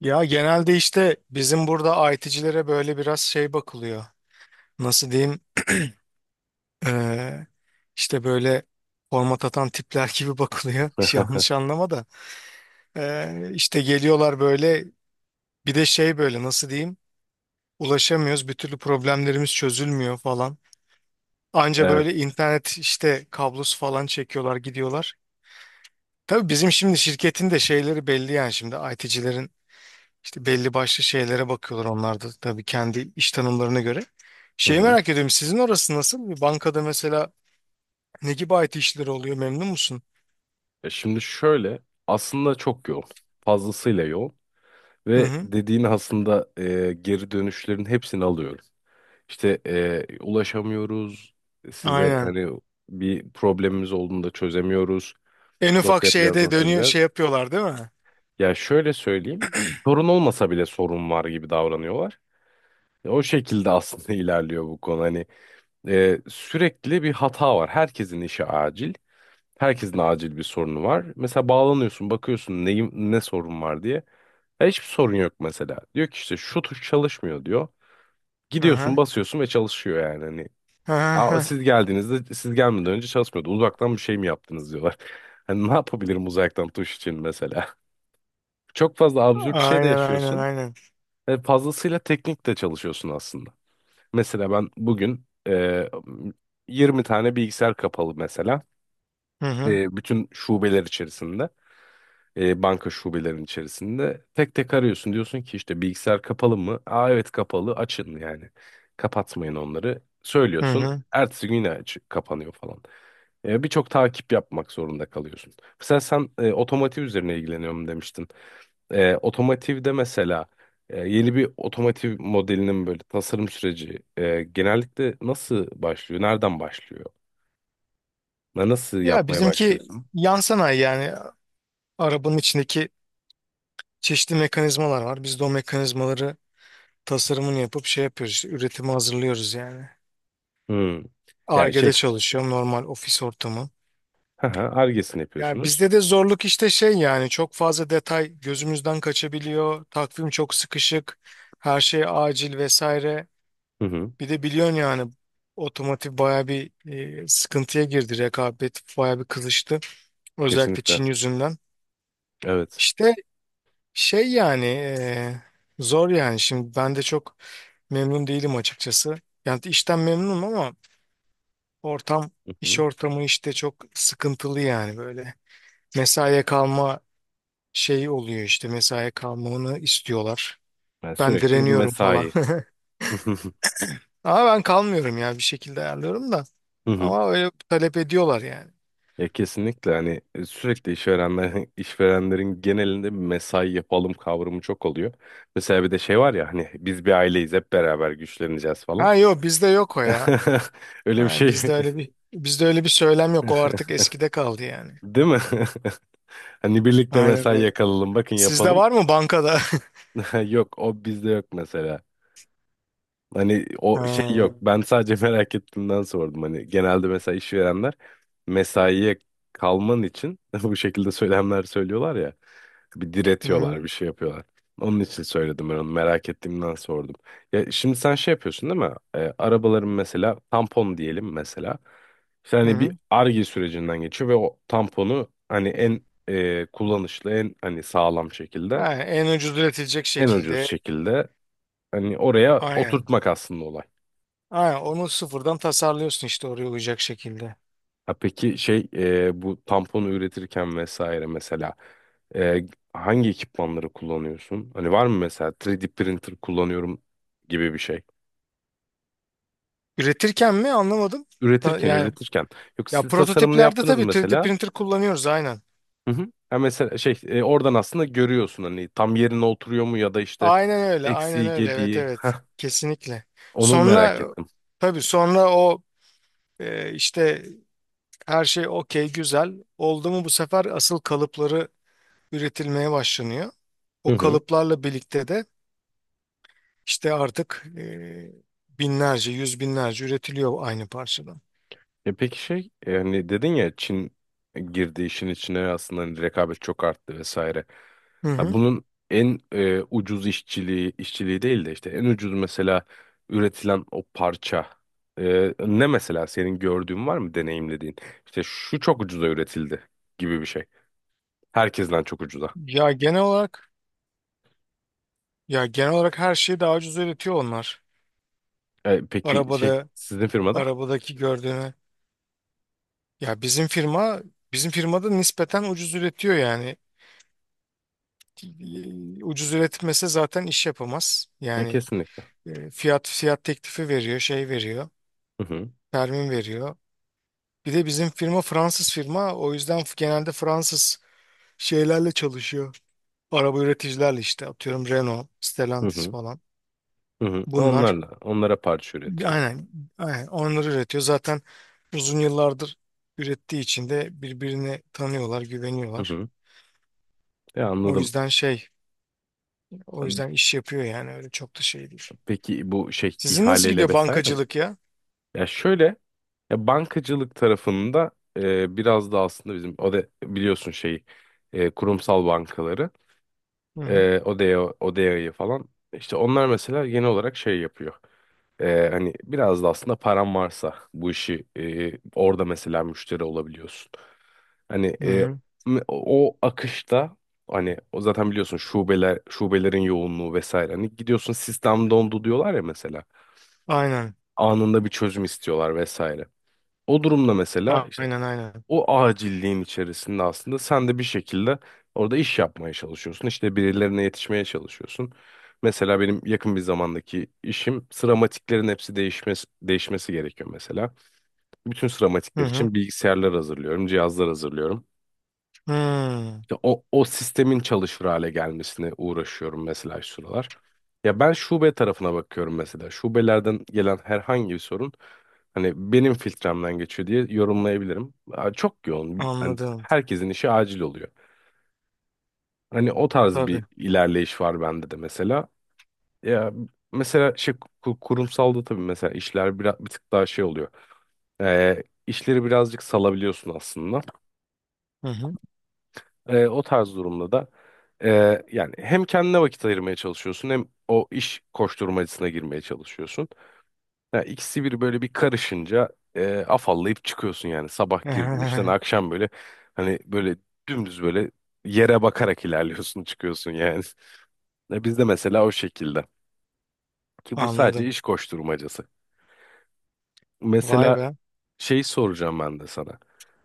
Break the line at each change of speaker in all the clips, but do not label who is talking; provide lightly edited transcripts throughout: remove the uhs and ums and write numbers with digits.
Ya genelde işte bizim burada IT'cilere böyle biraz şey bakılıyor. Nasıl diyeyim? Ee, işte böyle format atan tipler gibi bakılıyor. Yanlış anlama da. İşte geliyorlar böyle bir de şey böyle nasıl diyeyim? Ulaşamıyoruz. Bir türlü problemlerimiz çözülmüyor falan. Anca
Evet.
böyle internet işte kablosu falan çekiyorlar gidiyorlar. Tabii bizim şimdi şirketin de şeyleri belli yani şimdi IT'cilerin. İşte belli başlı şeylere bakıyorlar onlar da tabii kendi iş tanımlarına göre.
Hı
Şeyi
hı.
merak ediyorum sizin orası nasıl? Bir bankada mesela ne gibi IT işleri oluyor, memnun musun?
Şimdi şöyle aslında çok yoğun. Fazlasıyla yoğun.
Hı
Ve
hı.
dediğin aslında geri dönüşlerin hepsini alıyorum. İşte ulaşamıyoruz. Size
Aynen.
hani bir problemimiz olduğunda çözemiyoruz.
En
Nasıl
ufak
yapacağız,
şeyde
nasıl
dönüyor
edeceğiz?
şey yapıyorlar değil mi?
Ya şöyle söyleyeyim. Sorun olmasa bile sorun var gibi davranıyorlar. O şekilde aslında ilerliyor bu konu. Hani sürekli bir hata var. Herkesin işi acil. Herkesin acil bir sorunu var. Mesela bağlanıyorsun, bakıyorsun neyim, ne sorun var diye. Ya hiçbir sorun yok mesela. Diyor ki işte şu tuş çalışmıyor diyor.
Hı hı.
Gidiyorsun, basıyorsun ve çalışıyor yani. Hani
Hı
aa,
hı.
siz geldiğinizde siz gelmeden önce çalışmıyordu. Uzaktan bir şey mi yaptınız diyorlar. Hani ne yapabilirim uzaktan tuş için mesela? Çok fazla absürt şey de
Aynen aynen
yaşıyorsun.
aynen.
Ve fazlasıyla teknik de çalışıyorsun aslında. Mesela ben bugün 20 tane bilgisayar kapalı mesela.
Hı hı.
Bütün şubeler içerisinde. Banka şubelerinin içerisinde. Tek tek arıyorsun diyorsun ki işte bilgisayar kapalı mı? Aa evet kapalı açın yani. Kapatmayın onları.
Hı
Söylüyorsun.
hı.
Ertesi gün yine aç, kapanıyor falan. Birçok takip yapmak zorunda kalıyorsun. Mesela sen otomotiv üzerine ilgileniyorum demiştin. Otomotivde mesela yeni bir otomotiv modelinin böyle tasarım süreci genellikle nasıl başlıyor? Nereden başlıyor? Nasıl
Ya
yapmaya
bizimki
başlıyorsun?
yan sanayi yani arabanın içindeki çeşitli mekanizmalar var. Biz de o mekanizmaları tasarımını yapıp şey yapıyoruz işte üretimi hazırlıyoruz yani.
Hmm. Ya
Ar-Ge'de
şey,
çalışıyorum, normal ofis ortamı.
hı hı, Ar-Ge'sini
Ya
yapıyorsunuz.
bizde de zorluk işte şey yani çok fazla detay gözümüzden kaçabiliyor. Takvim çok sıkışık. Her şey acil vesaire.
Hı hı.
Bir de biliyorsun yani otomotiv baya bir sıkıntıya girdi. Rekabet baya bir kızıştı. Özellikle
Kesinlikle.
Çin yüzünden.
Evet.
İşte şey yani zor yani. Şimdi ben de çok memnun değilim açıkçası. Yani işten memnunum ama ortam
Hı
iş
hı.
ortamı işte çok sıkıntılı yani böyle. Mesaiye kalma şey oluyor işte mesaiye kalmamı istiyorlar.
Yani
Ben
sürekli bir
direniyorum falan.
mesai. Hı hı.
Ama ben kalmıyorum ya, bir şekilde ayarlıyorum da.
Hı hı.
Ama öyle talep ediyorlar yani.
Ya kesinlikle hani sürekli işverenler, işverenlerin genelinde bir mesai yapalım kavramı çok oluyor. Mesela bir de şey var ya hani biz bir aileyiz hep beraber güçleneceğiz falan.
Ha yok, bizde yok o ya.
Öyle bir
Ha,
şey
bizde öyle bir söylem yok. O artık eskide kaldı yani.
değil mi? Hani birlikte
Aynen
mesai
öyle.
yakalalım bakın
Sizde
yapalım.
var mı bankada?
Yok o bizde yok mesela. Hani o şey
Ha.
yok. Ben sadece merak ettiğimden sordum. Hani genelde mesela işverenler mesaiye kalman için bu şekilde söylemler söylüyorlar ya. Bir
Hı
diretiyorlar,
hı.
bir şey yapıyorlar. Onun için söyledim ben onu. Merak ettiğimden sordum. Ya şimdi sen şey yapıyorsun değil mi? Arabaların mesela tampon diyelim mesela. İşte
Hı
hani bir
hı.
arge sürecinden geçiyor ve o tamponu hani en kullanışlı, en hani sağlam şekilde,
Ha, en ucuz üretilecek
en ucuz
şekilde.
şekilde hani oraya
Aynen.
oturtmak aslında olay.
Aynen. Onu sıfırdan tasarlıyorsun işte oraya uyacak şekilde.
Ha peki şey bu tamponu üretirken vesaire mesela e, hangi ekipmanları kullanıyorsun? Hani var mı mesela 3D printer kullanıyorum gibi bir şey.
Üretirken mi, anlamadım. Ta-
Üretirken
Yani
üretirken. Yok
ya
siz tasarımını
prototiplerde
yaptınız
tabii
mı
3D
mesela.
printer kullanıyoruz aynen.
Hı hı. Ha mesela şey oradan aslında görüyorsun hani tam yerine oturuyor mu ya da işte
Aynen öyle, aynen
eksiği
öyle. Evet,
gediği. Heh,
evet. Kesinlikle.
onu merak
Sonra
ettim.
tabii sonra o işte her şey okey güzel oldu mu bu sefer asıl kalıpları üretilmeye başlanıyor.
Hı
O
hı.
kalıplarla birlikte de işte artık binlerce, yüz binlerce üretiliyor aynı parçadan.
E peki şey yani dedin ya Çin girdi işin içine aslında hani rekabet çok arttı vesaire.
Hı
Ha,
hı.
bunun en ucuz işçiliği değil de işte en ucuz mesela üretilen o parça, ne mesela senin gördüğün var mı deneyimlediğin? İşte şu çok ucuza üretildi gibi bir şey. Herkesten çok ucuza.
Ya genel olarak ya genel olarak her şeyi daha ucuz üretiyor onlar.
Peki şey
Arabada
sizin firmada?
arabadaki gördüğünü ya bizim firma bizim firmada nispeten ucuz üretiyor yani. Ucuz üretmese zaten iş yapamaz. Yani
Kesinlikle.
fiyat teklifi veriyor, şey veriyor,
Hı hı.
termin veriyor. Bir de bizim firma Fransız firma o yüzden genelde Fransız şeylerle çalışıyor. Araba üreticilerle işte atıyorum Renault,
Hı
Stellantis
hı.
falan.
Hı hı.
Bunlar
Onlarla onlara parça üretiyor.
aynen, aynen onları üretiyor. Zaten uzun yıllardır ürettiği için de birbirini tanıyorlar,
Hı
güveniyorlar.
hı. Ya
O
anladım.
yüzden şey O yüzden iş yapıyor yani öyle çok da şey değil.
Peki bu şey
Sizin nasıl
ihaleyle
gidiyor
vesaire mi?
bankacılık ya?
Ya şöyle ya bankacılık tarafında biraz da aslında bizim ODE biliyorsun şeyi kurumsal bankaları
Hı hı.
ODE'ye ODE'yi falan işte onlar mesela genel olarak şey yapıyor. Hani biraz da aslında paran varsa bu işi orada mesela müşteri olabiliyorsun. Hani
Hı hı.
o akışta hani o zaten biliyorsun şubeler şubelerin yoğunluğu vesaire. Hani gidiyorsun sistem dondu diyorlar ya mesela
Aynen.
anında bir çözüm istiyorlar vesaire. O durumda mesela
A-
işte
Aynen aynen.
o acilliğin içerisinde aslında sen de bir şekilde orada iş yapmaya çalışıyorsun. İşte birilerine yetişmeye çalışıyorsun. Mesela benim yakın bir zamandaki işim sıramatiklerin hepsi değişmesi gerekiyor mesela. Bütün
Hı
sıramatikler
hı.
için bilgisayarlar hazırlıyorum, cihazlar hazırlıyorum.
Hı.
Ya o sistemin çalışır hale gelmesine uğraşıyorum mesela şu sıralar. Ya ben şube tarafına bakıyorum mesela. Şubelerden gelen herhangi bir sorun hani benim filtremden geçiyor diye yorumlayabilirim. Aa, çok yoğun. Hani
Anladım.
herkesin işi acil oluyor. Hani o tarz bir
Tabii.
ilerleyiş var bende de mesela. Ya mesela şey kurumsalda tabii mesela işler biraz bir tık daha şey oluyor. İşleri birazcık salabiliyorsun aslında.
Hı hı.
O tarz durumda da yani hem kendine vakit ayırmaya çalışıyorsun hem o iş koşturmacasına girmeye çalışıyorsun. Ya ikisi bir böyle bir karışınca afallayıp çıkıyorsun yani sabah girdiğin işten akşam böyle hani böyle dümdüz böyle yere bakarak ilerliyorsun çıkıyorsun yani. Ya bizde mesela o şekilde ki bu sadece
Anladım.
iş koşturmacası.
Vay
Mesela
be.
şey soracağım ben de sana.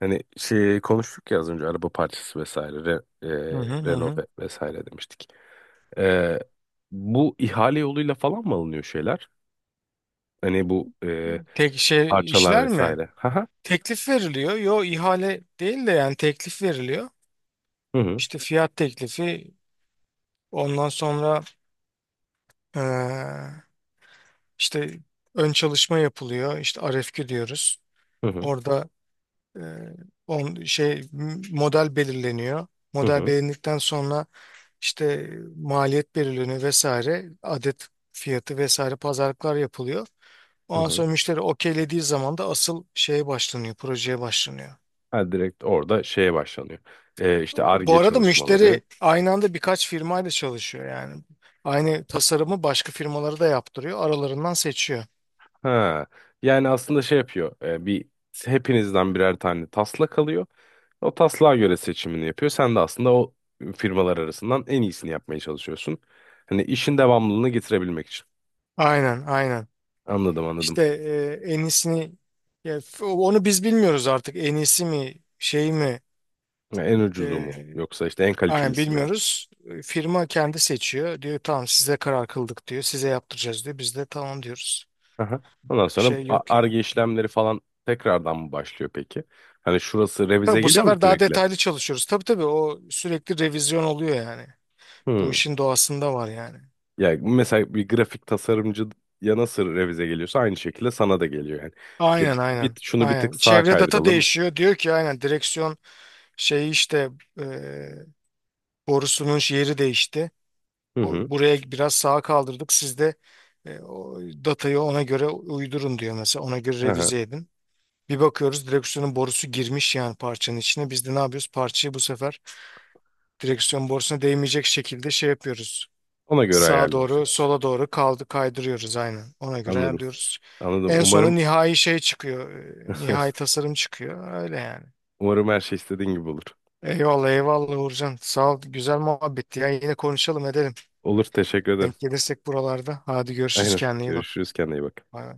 Hani şey konuştuk ya az önce araba parçası vesaire,
Hı hı, hı
Renault
hı.
vesaire demiştik. Ee, Bu ihale yoluyla falan mı alınıyor şeyler? Hani bu
Tek şey
parçalar
işler mi?
vesaire. Haha.
Teklif veriliyor. Yo, ihale değil de yani teklif veriliyor.
Hı hı.
İşte fiyat teklifi ondan sonra eee, işte ön çalışma yapılıyor. İşte RFQ diyoruz.
Hı hı.
Orada E, model belirleniyor.
Hı
Model
hı.
belirlendikten sonra işte maliyet belirleniyor vesaire. Adet fiyatı vesaire pazarlıklar yapılıyor.
Hı
Ondan
hı.
sonra müşteri okeylediği zaman da asıl şeye başlanıyor, projeye başlanıyor.
Ha, direkt orada şeye başlanıyor. İşte
Bu
Ar-Ge
arada
çalışmaları.
müşteri aynı anda birkaç firmayla çalışıyor yani. Aynı tasarımı başka firmaları da yaptırıyor. Aralarından seçiyor.
Ha. Yani aslında şey yapıyor. Bir hepinizden birer tane taslak alıyor. O taslağa göre seçimini yapıyor. Sen de aslında o firmalar arasından en iyisini yapmaya çalışıyorsun. Hani işin devamlılığını getirebilmek için.
Aynen, aynen.
Anladım, anladım.
İşte en iyisini ya, onu biz bilmiyoruz artık. En iyisi mi, şey mi?
Ya en ucuzu
Ee,
mu? Yoksa işte en
aynen
kalitelisi mi?
bilmiyoruz. Firma kendi seçiyor. Diyor tamam size karar kıldık diyor. Size yaptıracağız diyor. Biz de tamam diyoruz.
Aha. Ondan sonra
Şey yok yani.
Ar-Ge işlemleri falan tekrardan mı başlıyor peki? Hani şurası revize
Tabii bu
geliyor mu
sefer daha
sürekli?
detaylı çalışıyoruz. Tabii tabii o sürekli revizyon oluyor yani. Bu
Hmm.
işin doğasında var yani.
Ya mesela bir grafik tasarımcı ya nasıl revize geliyorsa aynı şekilde sana da geliyor yani. İşte
Aynen,
bir,
aynen.
şunu bir tık
Aynen.
sağa
Çevre data
kaydıralım.
değişiyor. Diyor ki aynen direksiyon şeyi işte e, borusunun yeri değişti.
Hı
O,
hı.
buraya biraz sağa kaldırdık. Siz de o datayı ona göre uydurun diyor mesela. Ona göre
Hı hı.
revize edin. Bir bakıyoruz direksiyonun borusu girmiş yani parçanın içine. Biz de ne yapıyoruz? Parçayı bu sefer direksiyon borusuna değmeyecek şekilde şey yapıyoruz.
Ona göre
Sağa doğru,
ayarlıyorsunuz.
sola doğru kaydırıyoruz aynen. Ona göre
Anladım.
ayarlıyoruz.
Anladım.
En sonunda
Umarım
nihai şey çıkıyor. Nihai tasarım çıkıyor. Öyle yani.
umarım her şey istediğin gibi olur.
Eyvallah, eyvallah Uğurcan. Sağ ol. Güzel muhabbetti ya. Yine konuşalım edelim.
Olur. Teşekkür ederim.
Denk gelirsek buralarda. Hadi görüşürüz.
Aynen.
Kendine iyi bak.
Görüşürüz. Kendine iyi bak.
Bay bay.